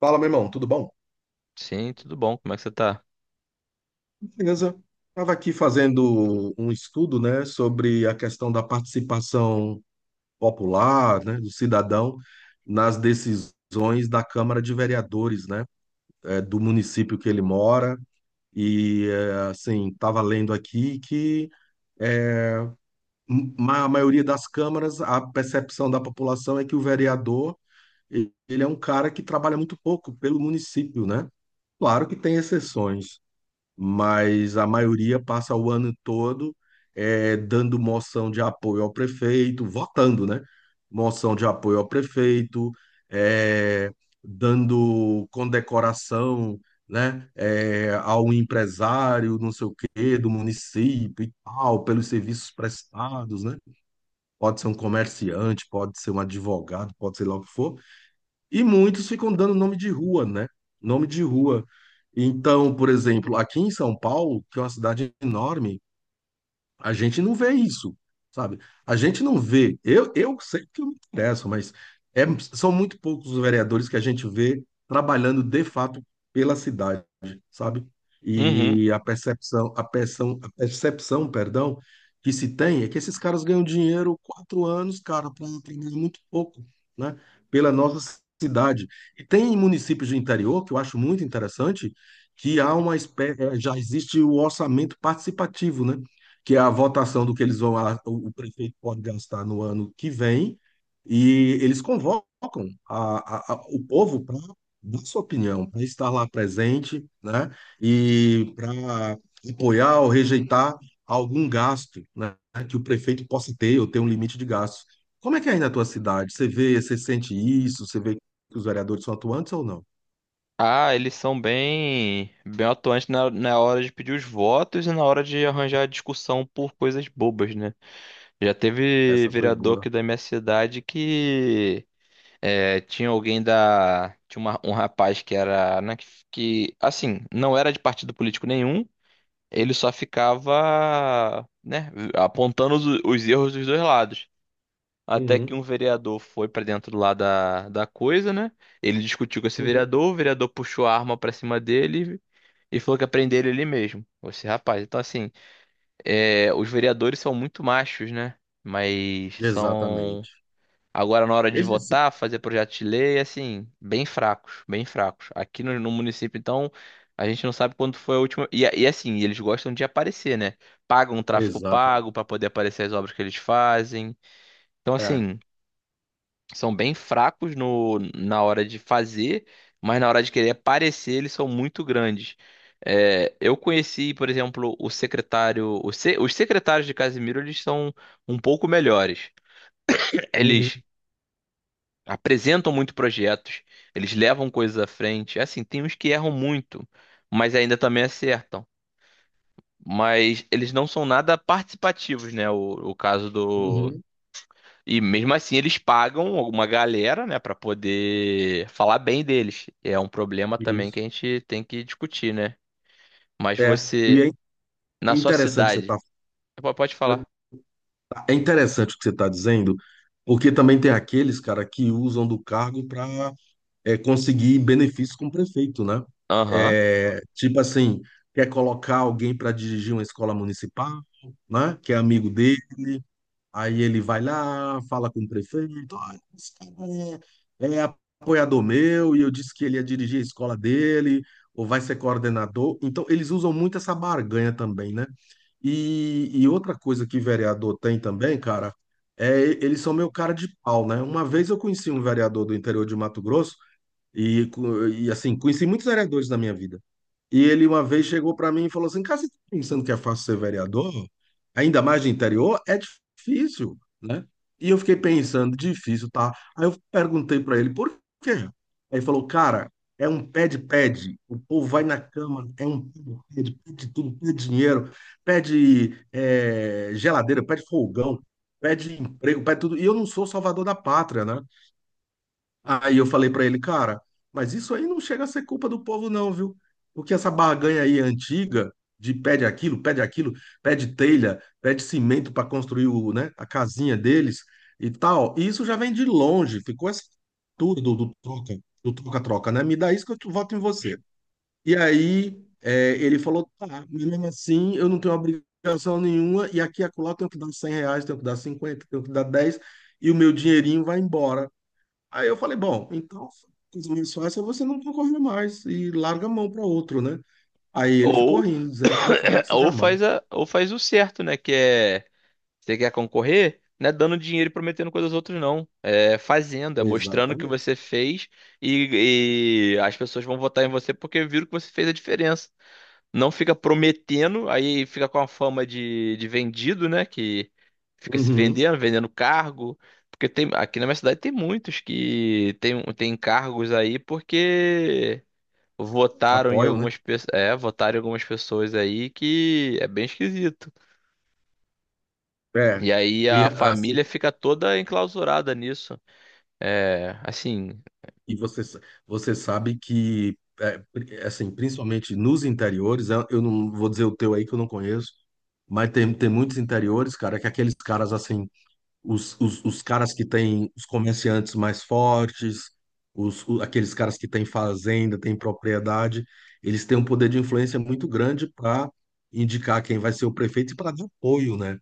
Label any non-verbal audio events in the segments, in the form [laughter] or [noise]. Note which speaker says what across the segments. Speaker 1: Fala, meu irmão, tudo bom?
Speaker 2: Sim, tudo bom? Como é que você tá?
Speaker 1: Beleza. Estava aqui fazendo um estudo, né, sobre a questão da participação popular, né, do cidadão nas decisões da Câmara de Vereadores, né, do município que ele mora. E, assim, estava lendo aqui que a maioria das câmaras, a percepção da população é que o vereador, ele é um cara que trabalha muito pouco pelo município, né? Claro que tem exceções, mas a maioria passa o ano todo dando moção de apoio ao prefeito, votando, né? Moção de apoio ao prefeito, eh, dando condecoração, né? Ao empresário, não sei o quê, do município e tal, pelos serviços prestados, né? Pode ser um comerciante, pode ser um advogado, pode ser lá o que for. E muitos ficam dando nome de rua, né? Nome de rua. Então, por exemplo, aqui em São Paulo, que é uma cidade enorme, a gente não vê isso, sabe? A gente não vê. Eu sei que eu me interesso, mas é- são muito poucos os vereadores que a gente vê trabalhando de fato pela cidade, sabe?
Speaker 2: Uhum.
Speaker 1: E a percepção, perdão, que se tem é que esses caras ganham dinheiro 4 anos, cara, para trabalhar muito pouco, né? Pela nossa cidade. E tem municípios do interior que eu acho muito interessante que há uma espécie, já existe o orçamento participativo, né? que é a votação do que eles vão, o prefeito pode gastar no ano que vem, e eles convocam a- o povo para dar sua opinião, para estar lá presente, né, e para apoiar ou rejeitar algum gasto, né, que o prefeito possa ter ou ter um limite de gastos. Como é que é aí na tua cidade? Você vê, você sente isso? Você vê que os vereadores são atuantes ou não?
Speaker 2: Ah, eles são bem atuantes na hora de pedir os votos e na hora de arranjar discussão por coisas bobas, né? Já teve
Speaker 1: Essa foi
Speaker 2: vereador
Speaker 1: boa.
Speaker 2: aqui da minha cidade que é, tinha alguém da. Tinha um rapaz que era, né, que, assim, não era de partido político nenhum, ele só ficava, né, apontando os erros dos dois lados. Até que um
Speaker 1: Uhum,
Speaker 2: vereador foi pra dentro lá da coisa, né? Ele discutiu com esse
Speaker 1: uhum.
Speaker 2: vereador, o vereador puxou a arma pra cima dele e falou que ia prender ele mesmo. Esse rapaz. Então, assim, é, os vereadores são muito machos, né? Mas são,
Speaker 1: Exatamente.
Speaker 2: agora na hora de
Speaker 1: Eles-
Speaker 2: votar, fazer projeto de lei, assim, bem fracos, bem fracos. Aqui no município, então, a gente não sabe quando foi a última. E assim, eles gostam de aparecer, né? Pagam um tráfico
Speaker 1: Exatamente.
Speaker 2: pago pra poder aparecer as obras que eles fazem. Então,
Speaker 1: É.
Speaker 2: assim são bem fracos no, na hora de fazer, mas na hora de querer aparecer, eles são muito grandes. É, eu conheci, por exemplo, o secretário. O se- os secretários de Casimiro, eles são um pouco melhores.
Speaker 1: Uhum.
Speaker 2: Eles apresentam muito projetos, eles levam coisas à frente. Assim, tem uns que erram muito, mas ainda também acertam. Mas eles não são nada participativos, né? O caso.
Speaker 1: Uhum,
Speaker 2: E mesmo assim eles pagam uma galera, né, pra poder falar bem deles. É um problema também que
Speaker 1: isso.
Speaker 2: a gente tem que discutir, né? Mas
Speaker 1: É, e
Speaker 2: você, na sua
Speaker 1: interessante você
Speaker 2: cidade,
Speaker 1: tá,
Speaker 2: pode falar.
Speaker 1: é interessante o que você está dizendo, porque também tem aqueles, cara, que usam do cargo para conseguir benefícios com o prefeito, né?
Speaker 2: Aham.
Speaker 1: É, tipo assim, quer colocar alguém para dirigir uma escola municipal, né? Que é amigo dele. Aí ele vai lá, fala com o prefeito, olha, esse cara é apoiador meu, e eu disse que ele ia dirigir a escola dele, ou vai ser coordenador. Então, eles usam muito essa barganha também, né? E outra coisa que vereador tem também, cara, é eles são meu cara de pau, né? Uma vez eu conheci um vereador do interior de Mato Grosso, e assim, conheci muitos vereadores na minha vida. E ele uma vez chegou para mim e falou assim: Cara, você tá pensando que é fácil ser vereador? Ainda mais de interior? É difícil, né? E eu fiquei pensando: difícil, tá? Aí eu perguntei para ele: Por quê? Aí ele falou: Cara, é um pede-pede. O povo vai na Câmara, é um pede-pede, pede tudo, pede dinheiro, pede geladeira, pede fogão, pede emprego, pede tudo. E eu não sou salvador da pátria, né? Aí eu falei pra ele, cara, mas isso aí não chega a ser culpa do povo, não, viu? Porque essa barganha aí antiga de pede aquilo, pede aquilo, pede telha, pede cimento para construir o, né, a casinha deles e tal. E isso já vem de longe, ficou essa cultura do troca, do troca-troca, né? Me dá isso que eu voto em você. E aí é, ele falou, tá, mas mesmo assim eu não tenho obrigação nenhuma e aqui e acolá eu tenho que dar R$ 100, tenho que dar 50, tenho que dar 10 e o meu dinheirinho vai embora. Aí eu falei, bom, então a coisa mais fácil é você não concorrer mais e larga a mão para outro, né? Aí ele ficou
Speaker 2: Ou
Speaker 1: rindo, dizendo que não faria
Speaker 2: [coughs]
Speaker 1: isso jamais.
Speaker 2: ou faz o certo, né, que é você quer concorrer, não é dando dinheiro e prometendo coisas aos outros não. É fazendo, é mostrando o que
Speaker 1: Exatamente.
Speaker 2: você fez e as pessoas vão votar em você porque viram que você fez a diferença. Não fica prometendo, aí fica com a fama de vendido, né? Que fica se
Speaker 1: Uhum.
Speaker 2: vendendo, vendendo cargo. Porque tem, aqui na minha cidade tem muitos que tem cargos aí porque votaram em
Speaker 1: Apoiam, né?
Speaker 2: algumas pessoas, é, votaram em algumas pessoas aí que é bem esquisito.
Speaker 1: É.
Speaker 2: E aí
Speaker 1: E
Speaker 2: a
Speaker 1: assim,
Speaker 2: família fica toda enclausurada nisso. É, assim,
Speaker 1: e você sabe que é, assim, principalmente nos interiores, eu não vou dizer o teu aí que eu não conheço, mas tem muitos interiores, cara, que aqueles caras assim os caras que têm os comerciantes mais fortes, aqueles caras que têm fazenda, têm propriedade, eles têm um poder de influência muito grande para indicar quem vai ser o prefeito e para dar apoio, né?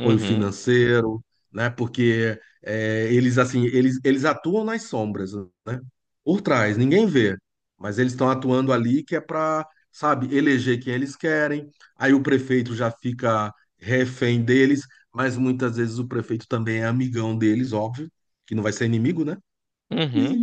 Speaker 1: apoio financeiro, né? Porque é, eles assim, eles atuam nas sombras, né? Por trás, ninguém vê, mas eles estão atuando ali que é para, sabe, eleger quem eles querem. Aí o prefeito já fica refém deles, mas muitas vezes o prefeito também é amigão deles, óbvio, que não vai ser inimigo, né?
Speaker 2: uhum,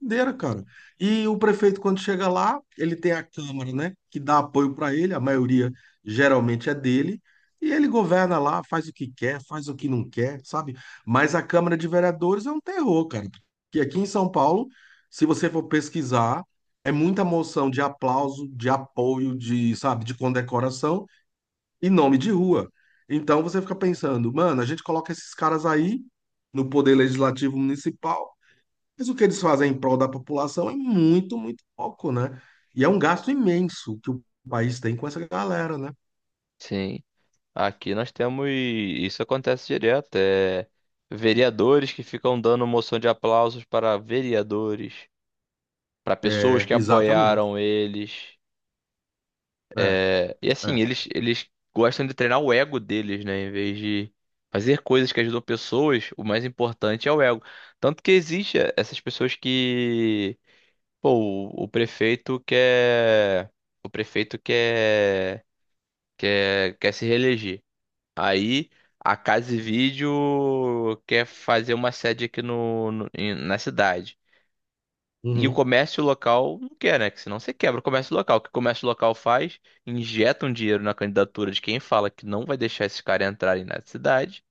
Speaker 1: Doideira, cara. E o prefeito, quando chega lá, ele tem a Câmara, né, que dá apoio para ele, a maioria geralmente é dele, e ele governa lá, faz o que quer, faz o que não quer, sabe? Mas a Câmara de Vereadores é um terror, cara. Porque aqui em São Paulo, se você for pesquisar, é muita moção de aplauso, de apoio, de, sabe, de condecoração e nome de rua. Então você fica pensando, mano, a gente coloca esses caras aí no Poder Legislativo Municipal. Mas o que eles fazem em prol da população é muito, muito pouco, né? E é um gasto imenso que o país tem com essa galera, né?
Speaker 2: sim. Aqui nós temos, isso acontece direto, é vereadores que ficam dando moção de aplausos para vereadores, para pessoas
Speaker 1: É,
Speaker 2: que apoiaram
Speaker 1: exatamente.
Speaker 2: eles.
Speaker 1: É,
Speaker 2: É, e assim,
Speaker 1: é.
Speaker 2: eles gostam de treinar o ego deles, né? Em vez de fazer coisas que ajudam pessoas, o mais importante é o ego. Tanto que existe essas pessoas que, pô, o prefeito quer, quer se reeleger. Aí a Casa e Vídeo quer fazer uma sede aqui na cidade. E o
Speaker 1: Uhum,
Speaker 2: comércio local não quer, né? Que senão você quebra o comércio local. O que o comércio local faz? Injeta um dinheiro na candidatura de quem fala que não vai deixar esses caras entrarem na cidade,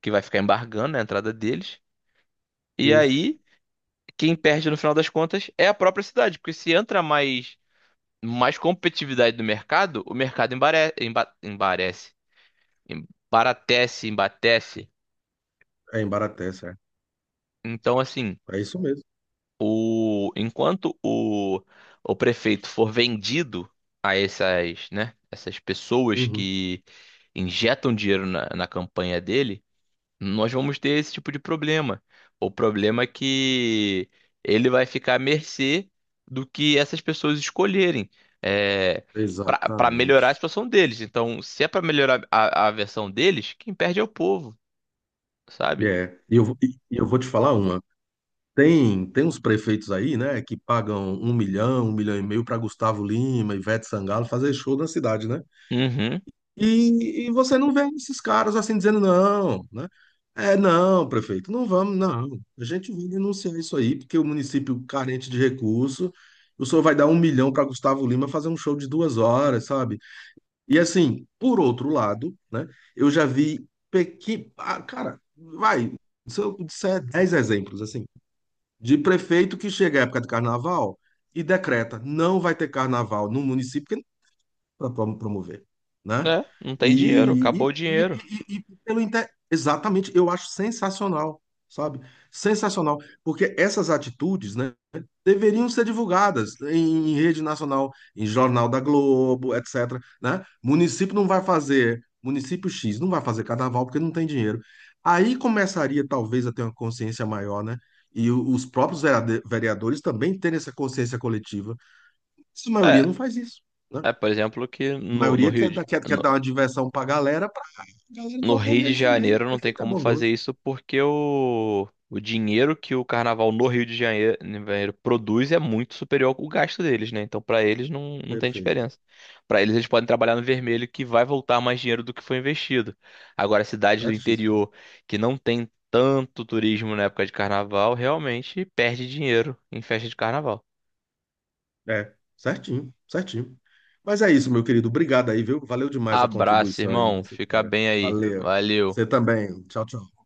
Speaker 2: que vai ficar embargando a entrada deles. E
Speaker 1: isso.
Speaker 2: aí, quem perde no final das contas é a própria cidade, porque se entra mais, mais competitividade no mercado, o mercado embarece, embaratece, embatece.
Speaker 1: É em Baratés, é.
Speaker 2: Então, assim.
Speaker 1: É isso mesmo.
Speaker 2: Enquanto o prefeito for vendido a essas, né, essas pessoas
Speaker 1: Uhum,
Speaker 2: que injetam dinheiro na campanha dele, nós vamos ter esse tipo de problema. O problema é que ele vai ficar à mercê do que essas pessoas escolherem é, para melhorar a
Speaker 1: exatamente.
Speaker 2: situação deles. Então, se é para melhorar a versão deles, quem perde é o povo, sabe?
Speaker 1: É. E eu vou te falar uma. Tem uns prefeitos aí, né, que pagam 1 milhão, 1,5 milhão para Gustavo Lima, Ivete Sangalo fazer show na cidade, né?
Speaker 2: Uhum.
Speaker 1: E você não vê esses caras assim dizendo não, né? É, não, prefeito, não vamos, não. A gente vai denunciar isso aí, porque o município carente de recurso, o senhor vai dar 1 milhão para Gustavo Lima fazer um show de 2 horas, sabe? E assim, por outro lado, né? Eu já vi ah, cara, vai, se eu disser 10 exemplos, assim, de prefeito que chega à época de carnaval e decreta, não vai ter carnaval no município, para promover, né?
Speaker 2: É, não tem dinheiro, acabou
Speaker 1: E,
Speaker 2: o
Speaker 1: e,
Speaker 2: dinheiro.
Speaker 1: e, Exatamente, eu acho sensacional, sabe? Sensacional, porque essas atitudes, né, deveriam ser divulgadas em, rede nacional, em jornal da Globo, etc, né? Município não vai fazer, município X não vai fazer carnaval porque não tem dinheiro. Aí começaria talvez a ter uma consciência maior, né? E os próprios vereadores também terem essa consciência coletiva. Mas a maioria
Speaker 2: É,
Speaker 1: não faz isso, né?
Speaker 2: É, por exemplo, que
Speaker 1: A maioria quer, dar- quer, quer dar uma diversão pra galera
Speaker 2: No
Speaker 1: votar
Speaker 2: Rio de
Speaker 1: neles também.
Speaker 2: Janeiro não tem
Speaker 1: Prefeito é
Speaker 2: como fazer
Speaker 1: bondoso.
Speaker 2: isso porque o dinheiro que o carnaval no Rio de Janeiro produz é muito superior ao gasto deles, né? Então, pra eles não, não tem
Speaker 1: Perfeito.
Speaker 2: diferença. Pra eles, eles podem trabalhar no vermelho que vai voltar mais dinheiro do que foi investido. Agora, cidades do
Speaker 1: Certíssimo.
Speaker 2: interior que não tem tanto turismo na época de carnaval, realmente perde dinheiro em festa de carnaval.
Speaker 1: É, certinho, certinho. Mas é isso, meu querido. Obrigado aí, viu? Valeu demais a
Speaker 2: Abraço,
Speaker 1: contribuição aí
Speaker 2: irmão.
Speaker 1: nessa
Speaker 2: Fica
Speaker 1: história.
Speaker 2: bem aí.
Speaker 1: Valeu.
Speaker 2: Valeu.
Speaker 1: Você também. Tchau, tchau.